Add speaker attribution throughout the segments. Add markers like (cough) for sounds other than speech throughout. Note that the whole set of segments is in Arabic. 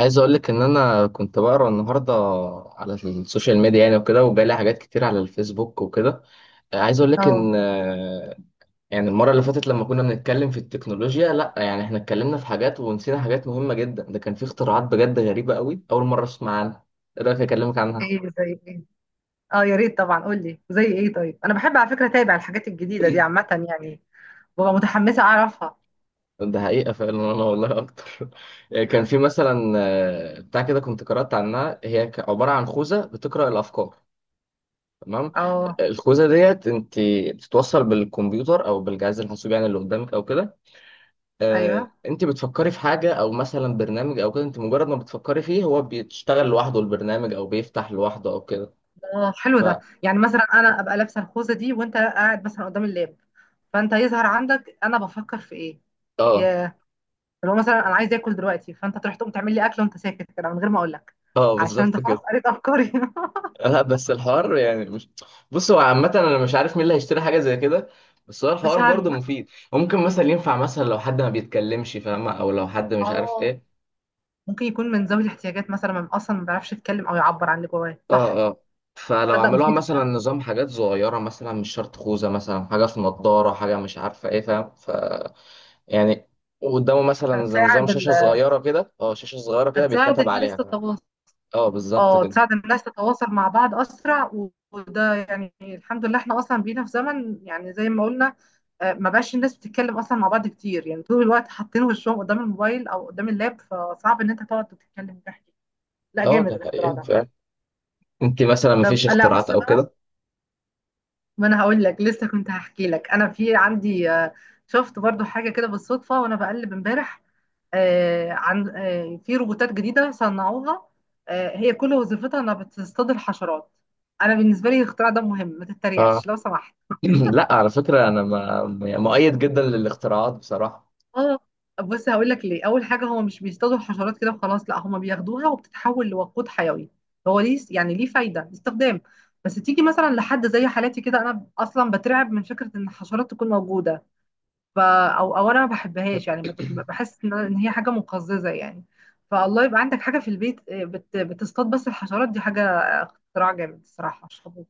Speaker 1: عايز اقول لك ان انا كنت بقرا النهارده على السوشيال ميديا، يعني وكده، وجالي حاجات كتير على الفيسبوك وكده. عايز اقول لك
Speaker 2: اه.
Speaker 1: ان يعني المره اللي فاتت لما كنا بنتكلم في التكنولوجيا، لا يعني احنا اتكلمنا في حاجات ونسينا حاجات مهمه جدا. ده كان في اختراعات بجد غريبه قوي، اول مره اسمع عنها. ايه رايك اكلمك عنها؟
Speaker 2: ايه زي ايه؟ اه، يا ريت طبعا، قول لي زي ايه. طيب، انا بحب على فكره اتابع الحاجات الجديده دي عامه، يعني ببقى متحمسه اعرفها.
Speaker 1: ده حقيقه فعلا، انا والله اكتر. (laughs) كان في مثلا بتاع كده، كنت قرات عنها، هي عباره عن خوذه بتقرا الافكار، تمام.
Speaker 2: اه،
Speaker 1: الخوذه ديت انت بتتوصل بالكمبيوتر او بالجهاز الحاسوب، يعني اللي قدامك او كده.
Speaker 2: ايوه.
Speaker 1: انت بتفكري في حاجه او مثلا برنامج او كده، انت مجرد ما بتفكري فيه هو بيشتغل لوحده البرنامج، او بيفتح لوحده او كده.
Speaker 2: اه، حلو
Speaker 1: ف
Speaker 2: ده. يعني مثلا انا ابقى لابسه الخوذه دي وانت قاعد مثلا قدام اللاب، فانت يظهر عندك انا بفكر في ايه.
Speaker 1: اه
Speaker 2: يا لو مثلا انا عايز اكل دلوقتي فانت تروح تقوم تعمل لي اكل وانت ساكت كده من غير ما اقول لك،
Speaker 1: اه،
Speaker 2: علشان انت
Speaker 1: بالظبط
Speaker 2: خلاص
Speaker 1: كده.
Speaker 2: قريت افكاري. (laughs)
Speaker 1: (laughs) لا بس الحوار يعني مش، بص هو عامه انا مش عارف مين اللي هيشتري حاجه زي كده. بس هو
Speaker 2: مش
Speaker 1: الحوار برضه
Speaker 2: عارفه.
Speaker 1: مفيد، ممكن مثلا ينفع مثلا لو حد ما بيتكلمش فاهمه، او لو حد مش عارف
Speaker 2: اه،
Speaker 1: ايه.
Speaker 2: ممكن يكون من ذوي الاحتياجات مثلا، ما اصلا ما بيعرفش يتكلم او يعبر عن اللي جواه، صح.
Speaker 1: اه اه، فلو
Speaker 2: تصدق
Speaker 1: عملوها
Speaker 2: مفيده.
Speaker 1: مثلا نظام حاجات صغيرة، مثلا مش شرط خوذة، مثلا حاجة في نضارة، حاجة مش عارفة ايه، فاهم؟ يعني قدامه مثلا زي نظام
Speaker 2: هتساعد ال...
Speaker 1: شاشة صغيرة كده، اه، شاشة صغيرة كده
Speaker 2: هتساعد
Speaker 1: بيتكتب
Speaker 2: الناس
Speaker 1: عليها، فاهم؟
Speaker 2: تتواصل.
Speaker 1: اه بالظبط
Speaker 2: اه،
Speaker 1: كده.
Speaker 2: تساعد الناس تتواصل مع بعض اسرع وده، يعني الحمد لله احنا اصلا بقينا في زمن، يعني زي ما قلنا. ما بقاش الناس بتتكلم اصلا مع بعض كتير، يعني طول الوقت حاطين وشهم قدام الموبايل او قدام اللاب، فصعب ان انت تقعد تتكلم وتحكي. لا،
Speaker 1: اه
Speaker 2: جامد
Speaker 1: ده
Speaker 2: الاختراع
Speaker 1: حقيقي
Speaker 2: ده.
Speaker 1: فعلا. انت مثلا
Speaker 2: طب
Speaker 1: مفيش
Speaker 2: لا، بص
Speaker 1: اختراعات او
Speaker 2: بقى.
Speaker 1: كده؟
Speaker 2: ما انا هقول لك، لسه كنت هحكي لك انا، في عندي شفت برضو حاجه كده بالصدفه وانا بقلب امبارح. عن في روبوتات جديده صنعوها، هي كل وظيفتها انها بتصطاد الحشرات. انا بالنسبه لي الاختراع ده مهم، ما تتريقش
Speaker 1: اه.
Speaker 2: لو سمحت.
Speaker 1: (clears throat) لا على فكرة، انا ما- مؤيد جدا للاختراعات بصراحة.
Speaker 2: اه، بص هقول لك ليه. اول حاجه، هو مش بيصطادوا الحشرات كده وخلاص، لا، هم بياخدوها وبتتحول لوقود حيوي. هو ليه، يعني ليه فايده استخدام. بس تيجي مثلا لحد زي حالتي كده، انا اصلا بترعب من فكره ان الحشرات تكون موجوده. او انا ما بحبهاش، يعني بحس ان هي حاجه مقززه يعني. فالله يبقى عندك حاجه في البيت بتصطاد بس الحشرات دي، حاجه اختراع جامد الصراحه، مش حابه.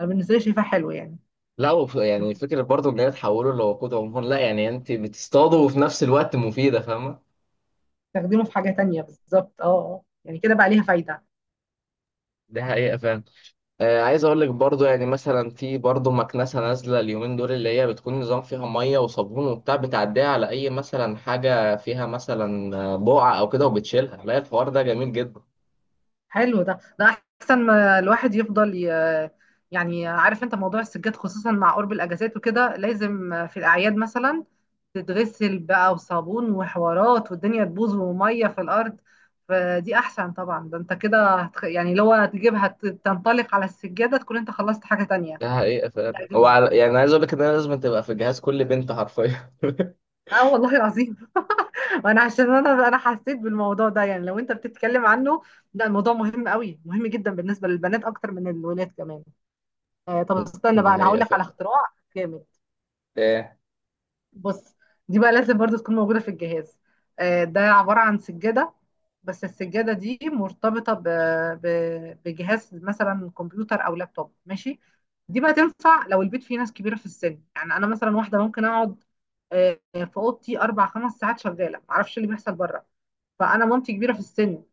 Speaker 2: انا بالنسبه لي شايفاه حلو يعني.
Speaker 1: لا، يعني فكرة برضو ان هي تحوله لوقود عموما، لا يعني انت بتصطاده وفي نفس الوقت مفيدة، فاهمة.
Speaker 2: تخدمه في حاجه تانية بالظبط. اه. يعني كده بقى ليها فايده.
Speaker 1: دي حقيقة فعلا. عايز اقول لك برضو يعني مثلا في برضو مكنسه نازله اليومين دول، اللي هي بتكون نظام فيها ميه وصابون، وبتاع بتعديها على اي مثلا حاجه فيها مثلا بقعه او كده وبتشيلها. لا الحوار ده جميل جدا.
Speaker 2: حلو ده. احسن ما الواحد يفضل ي... يعني عارف انت موضوع السجاد، خصوصا مع قرب الاجازات وكده، لازم في الاعياد مثلا تتغسل بقى، وصابون وحوارات، والدنيا تبوظ، وميه في الارض. فدي احسن طبعا. ده انت كده يعني لو هتجيبها تنطلق على السجاده، تكون انت خلصت حاجه تانية.
Speaker 1: ده حقيقه فعلا.
Speaker 2: لا، جميل.
Speaker 1: يعني عايز اقول لك ان انا لازم تبقى في جهاز كل بنت حرفيا. (laughs)
Speaker 2: اه، والله العظيم. (laughs) انا عشان انا حسيت بالموضوع ده، يعني لو انت بتتكلم عنه، ده الموضوع مهم قوي، مهم جدا بالنسبه للبنات اكتر من الولاد كمان. طب استنى بقى،
Speaker 1: ده
Speaker 2: انا هقول
Speaker 1: حقيقه
Speaker 2: لك
Speaker 1: فعلا.
Speaker 2: على اختراع جامد.
Speaker 1: ايه؟
Speaker 2: بص، دي بقى لازم برضو تكون موجوده في الجهاز. ده عباره عن سجاده. بس السجاده دي مرتبطه ب... بجهاز مثلا كمبيوتر او لابتوب ماشي. دي بقى تنفع لو البيت فيه ناس كبيره في السن. يعني انا مثلا واحده ممكن اقعد في اوضتي اربع خمس ساعات شغاله، معرفش إيه اللي بيحصل بره. فانا مامتي كبيره في السن،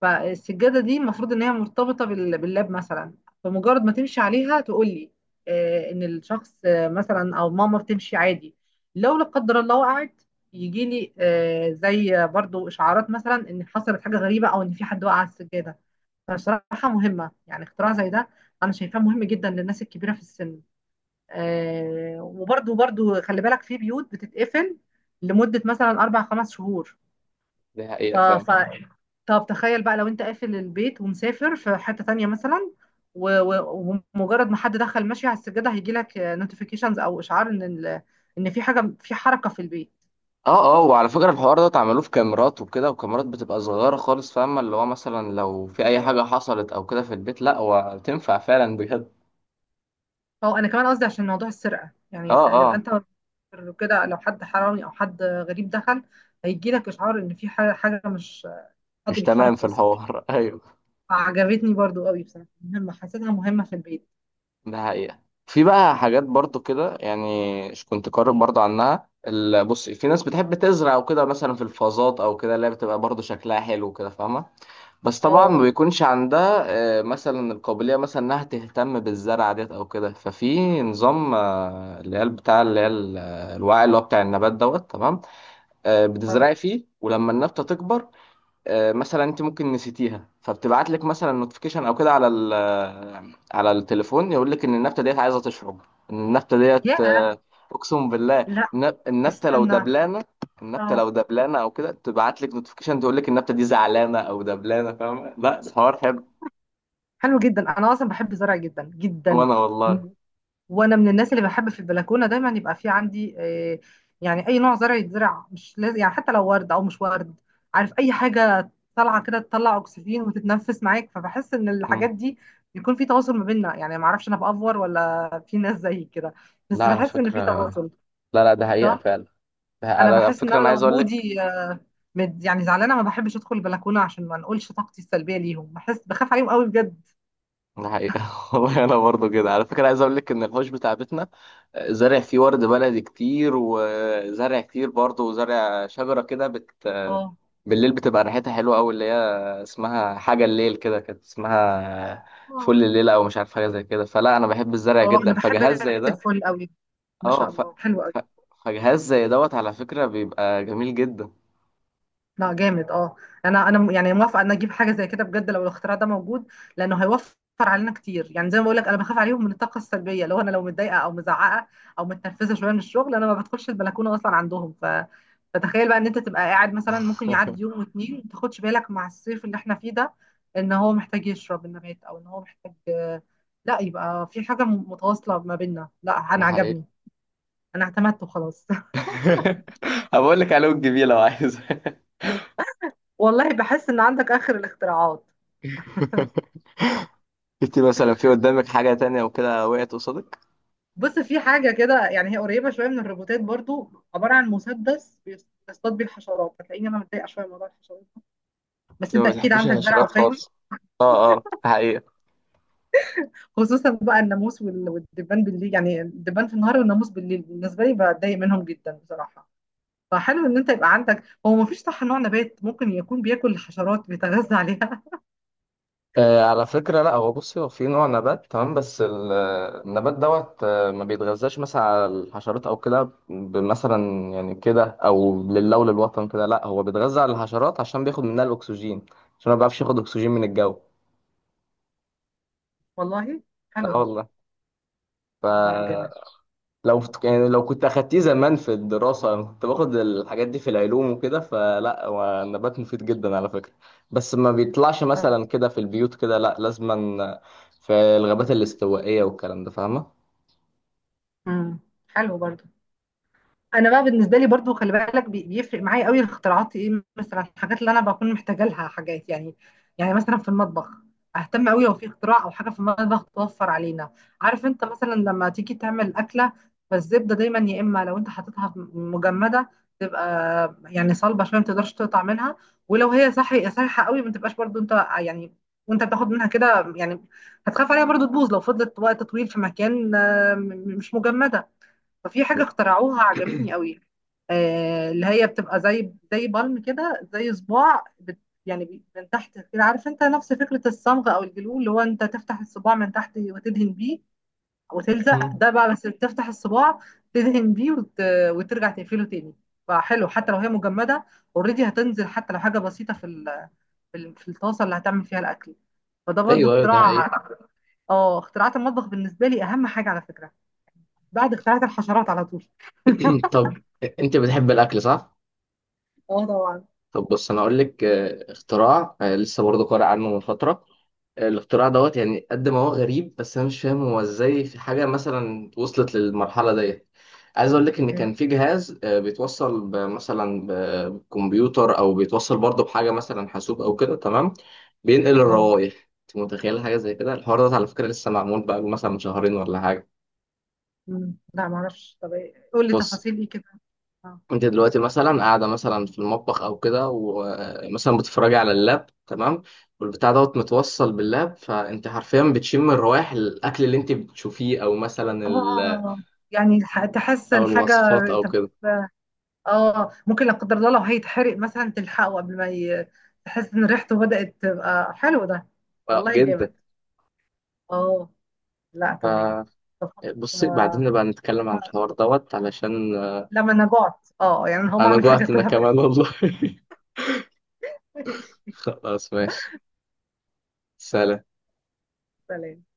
Speaker 2: فالسجاده دي المفروض ان هي مرتبطه باللاب مثلا. فمجرد ما تمشي عليها تقول لي ان الشخص، مثلا او ماما بتمشي عادي، لو لا قدر الله وقعت، يجي لي زي برضو اشعارات مثلا، ان حصلت حاجه غريبه او ان في حد وقع على السجاده. فصراحه مهمه يعني اختراع زي ده. انا شايفاه مهم جدا للناس الكبيره في السن. وبرضو خلي بالك، في بيوت بتتقفل لمده مثلا اربع خمس شهور.
Speaker 1: ده
Speaker 2: ف...
Speaker 1: حقيقه فعلا.
Speaker 2: ف... طب تخيل بقى لو انت قافل البيت ومسافر في حتة تانية مثلا، و- و- ومجرد ما حد دخل ماشي على السجادة، هيجي لك نوتيفيكيشنز او اشعار ان في حاجة، في حركة في البيت.
Speaker 1: اه اه، وعلى فكره الحوار ده اتعملوه في كاميرات وكده، وكاميرات بتبقى صغيره خالص، فاهمه؟ اللي هو مثلا لو في اي
Speaker 2: آه.
Speaker 1: حاجه حصلت او كده في البيت. لا وتنفع فعلا بجد.
Speaker 2: او انا كمان قصدي عشان موضوع السرقة.
Speaker 1: اه
Speaker 2: يعني لو
Speaker 1: آه.
Speaker 2: انت كده، لو حد حرامي او حد غريب دخل، هيجي لك اشعار ان في حاجة، مش، حد
Speaker 1: مش
Speaker 2: بيتحرك
Speaker 1: تمام في
Speaker 2: في وسط البيت.
Speaker 1: الحوار. (laughs) ايوه،
Speaker 2: عجبتني برضو قوي بصراحة، مهمة، حسيتها مهمة في البيت.
Speaker 1: ده حقيقة. في بقى حاجات برضو كده، يعني كنت قارئ برضو عنها، بص في ناس بتحب تزرع وكده مثلا في الفازات او كده، اللي هي بتبقى برضو شكلها حلو وكده، فاهمة؟ بس طبعا ما
Speaker 2: اه.
Speaker 1: بيكونش عندها مثلا القابلية مثلا انها تهتم بالزرع ديت او كده. ففي نظام اللي هي بتاع اللي هي الوعي اللي هو بتاع النبات دوت، تمام.
Speaker 2: اه.
Speaker 1: بتزرعي فيه ولما النبتة تكبر، مثلا انت ممكن نسيتيها فبتبعت لك مثلا نوتيفيكيشن او كده على على التليفون، يقول لك ان النبته ديت عايزه تشرب. ان النبته
Speaker 2: يا،
Speaker 1: ديت اقسم بالله.
Speaker 2: لا،
Speaker 1: النبته لو
Speaker 2: استنى.
Speaker 1: دبلانه،
Speaker 2: اه،
Speaker 1: او كده تبعت لك نوتيفيكيشن تقول لك النبته دي زعلانه او دبلانه، فاهمه؟ لا الحوار حلو.
Speaker 2: حلو جدا. انا اصلا بحب الزرع جدا جدا.
Speaker 1: وانا والله،
Speaker 2: م- وانا من الناس اللي بحب في البلكونه دايما يبقى في عندي يعني اي نوع زرع يتزرع، مش لازم يعني، حتى لو ورد او مش ورد، عارف اي حاجه طالعه كده تطلع اكسجين وتتنفس معاك. فبحس ان
Speaker 1: مم.
Speaker 2: الحاجات دي بيكون في تواصل ما بيننا، يعني ما اعرفش انا بافور ولا في ناس زيي كده،
Speaker 1: لا
Speaker 2: بس
Speaker 1: على
Speaker 2: بحس ان في
Speaker 1: فكره،
Speaker 2: تواصل.
Speaker 1: لا لا، ده حقيقه
Speaker 2: صح.
Speaker 1: فعلا. ده
Speaker 2: انا
Speaker 1: على
Speaker 2: بحس ان
Speaker 1: فكره
Speaker 2: انا
Speaker 1: انا
Speaker 2: لو
Speaker 1: عايز اقول لك.
Speaker 2: مودي، يعني زعلانه، ما بحبش ادخل البلكونه عشان ما نقولش طاقتي السلبيه ليهم. بحس بخاف عليهم قوي بجد.
Speaker 1: ده حقيقة. (laughs) والله أنا برضو كده على فكرة عايز أقول لك إن الحوش بتاع بيتنا زارع فيه ورد بلدي كتير، وزارع كتير برضو، وزارع شجرة كده،
Speaker 2: اه.
Speaker 1: بالليل بتبقى ريحتها حلوة أوي، اللي هي اسمها حاجة الليل كده كانت اسمها، فل الليل، أو مش عارف حاجة زي كده. فلا أنا بحب الزرع
Speaker 2: اه، انا
Speaker 1: جدا،
Speaker 2: بحب
Speaker 1: فجهاز زي
Speaker 2: ريحه
Speaker 1: ده،
Speaker 2: الفل قوي. ما
Speaker 1: أه،
Speaker 2: شاء الله، حلو قوي.
Speaker 1: ف... فجهاز زي دوت على فكرة بيبقى جميل جدا.
Speaker 2: لا، جامد. اه، انا يعني موافقه ان اجيب حاجه زي كده بجد لو الاختراع ده موجود، لانه هيوفر علينا كتير. يعني زي ما بقول لك، انا بخاف عليهم من الطاقه السلبيه. لو انا، لو متضايقه او مزعقه او متنرفزه شويه من الشغل، انا ما بدخلش البلكونه اصلا عندهم. ف فتخيل بقى ان انت تبقى قاعد مثلا، ممكن
Speaker 1: (laughs)
Speaker 2: يعدي يوم واتنين ما تاخدش بالك مع الصيف اللي احنا فيه ده، ان هو محتاج يشرب النبات، او ان هو محتاج، لا يبقى في حاجه متواصله ما بيننا. لا،
Speaker 1: ده
Speaker 2: انا
Speaker 1: حقيقة.
Speaker 2: عجبني. انا اعتمدت وخلاص.
Speaker 1: (laughs) هبقول لك عليه الجميل لو عايز.
Speaker 2: والله بحس ان عندك اخر الاختراعات.
Speaker 1: (laughs) شفتي مثلا في قدامك حاجة تانية وكده وقعت قصادك؟
Speaker 2: بص، في حاجه كده، يعني هي قريبه شويه من الروبوتات برضو، عباره عن مسدس بيصطاد بيه الحشرات. هتلاقيني انا متضايقه شويه من موضوع الحشرات ده. بس
Speaker 1: لو
Speaker 2: انت
Speaker 1: ما
Speaker 2: اكيد
Speaker 1: بتحبيش
Speaker 2: عندك دلع،
Speaker 1: الحشرات
Speaker 2: وفاهم.
Speaker 1: خالص، اه اه، ده حقيقة.
Speaker 2: خصوصا بقى الناموس والدبان بالليل. يعني الدبان في النهار والناموس بالليل، بالنسبه لي بتضايق منهم جدا بصراحه. فحلو ان انت يبقى عندك. هو ما فيش، صح، نوع نبات ممكن يكون بياكل الحشرات، بيتغذى عليها؟
Speaker 1: آه على فكرة، لا هو بصي، هو في نوع نبات، تمام، بس النبات دوت ما بيتغذاش مثلا على الحشرات او كده، مثلا يعني كده، او لله وللوطن كده. لا هو بيتغذى على الحشرات عشان بياخد منها الاكسجين، عشان ما بيعرفش ياخد اكسجين من الجو.
Speaker 2: (laughs) والله، حلو
Speaker 1: لا
Speaker 2: ده.
Speaker 1: والله. ف
Speaker 2: لا، جامد.
Speaker 1: لو يعني لو كنت اخدتيه زمان في الدراسه، انا كنت باخد الحاجات دي في العلوم وكده. فلا هو النبات مفيد جدا على فكره، بس ما بيطلعش مثلا كده في البيوت كده، لا لازما في الغابات الاستوائيه والكلام ده، فاهمه؟
Speaker 2: مم. حلو برضو. انا بقى بالنسبه لي برضو خلي بالك، بيفرق معايا قوي الاختراعات، ايه مثلا الحاجات اللي انا بكون محتاجه لها، حاجات يعني. يعني مثلا في المطبخ، اهتم قوي لو في اختراع او حاجه في المطبخ توفر علينا. عارف انت مثلا لما تيجي تعمل اكله، فالزبده دايما يا اما لو انت حاططها مجمده، تبقى يعني صلبه شويه ما تقدرش تقطع منها، ولو هي صحيحه قوي، ما تبقاش برضو انت يعني، وانت بتاخد منها كده يعني، هتخاف عليها برضو تبوظ لو فضلت وقت طويل في مكان مش مجمده. ففي حاجة اخترعوها عجبتني قوي، آه، اللي هي بتبقى زي بالم كده، زي صباع بت، يعني من تحت كده، عارف انت، نفس فكرة الصمغ او الجلو، اللي هو انت تفتح الصباع من تحت وتدهن بيه وتلزق.
Speaker 1: مم.
Speaker 2: ده بقى بس تفتح الصباع، تدهن بيه وترجع تقفله تاني. فحلو، حتى لو هي مجمدة، اوريدي هتنزل حتى لو حاجة بسيطة في الطاسة اللي هتعمل فيها الأكل. فده برضو
Speaker 1: ايوه ايوه، ده
Speaker 2: اختراع.
Speaker 1: حقيقي.
Speaker 2: (laughs) اه، اختراعات المطبخ بالنسبة لي أهم حاجة على فكرة، بعد اختراعات الحشرات على طول. (laughs)
Speaker 1: (clears throat) طب انت بتحب الاكل صح؟
Speaker 2: اه طبعا.
Speaker 1: طب بص انا اقول لك اختراع، لسه برضه قارئ عنه من فتره. الاختراع دوت يعني قد ما هو غريب، بس انا مش فاهم هو ازاي في حاجه مثلا وصلت للمرحله ديت. عايز اقول لك ان
Speaker 2: إيه،
Speaker 1: كان في جهاز بيتوصل بكمبيوتر او بيتوصل برضه بحاجه مثلا حاسوب او كده، تمام. بينقل
Speaker 2: اه.
Speaker 1: الروائح، انت متخيل حاجه زي كده؟ الحوار ده على فكره لسه معمول بقى مثلا من شهرين ولا حاجه.
Speaker 2: مم. لا معرفش. طب قول لي
Speaker 1: بص
Speaker 2: تفاصيل ايه كده. اه.
Speaker 1: انت دلوقتي مثلا قاعده مثلا في المطبخ او كده، ومثلا بتتفرجي على اللاب، تمام. والبتاع دوت متوصل باللاب، فانت حرفيا بتشم الروائح الاكل اللي انت بتشوفيه، او مثلا
Speaker 2: آه، يعني تحس
Speaker 1: او
Speaker 2: الحاجة.
Speaker 1: الوصفات او كده.
Speaker 2: تمام. اه، ممكن لا قدر الله لو هيتحرق مثلا تلحقه قبل ما تحس ان ريحته بدأت تبقى. حلو ده.
Speaker 1: اه،
Speaker 2: والله
Speaker 1: جدا.
Speaker 2: جامد. اه. لا، تمام. طب
Speaker 1: فبصي بعدين
Speaker 2: آه،
Speaker 1: نبقى نتكلم عن الحوار دوت، علشان
Speaker 2: لما انا جعت، اه يعني هقوم
Speaker 1: انا
Speaker 2: اعمل حاجة
Speaker 1: جوعت انا
Speaker 2: كلها بجد.
Speaker 1: كمان والله. (laughs)
Speaker 2: (laughs) ماشي،
Speaker 1: خلاص ماشي، سلام.
Speaker 2: سلام.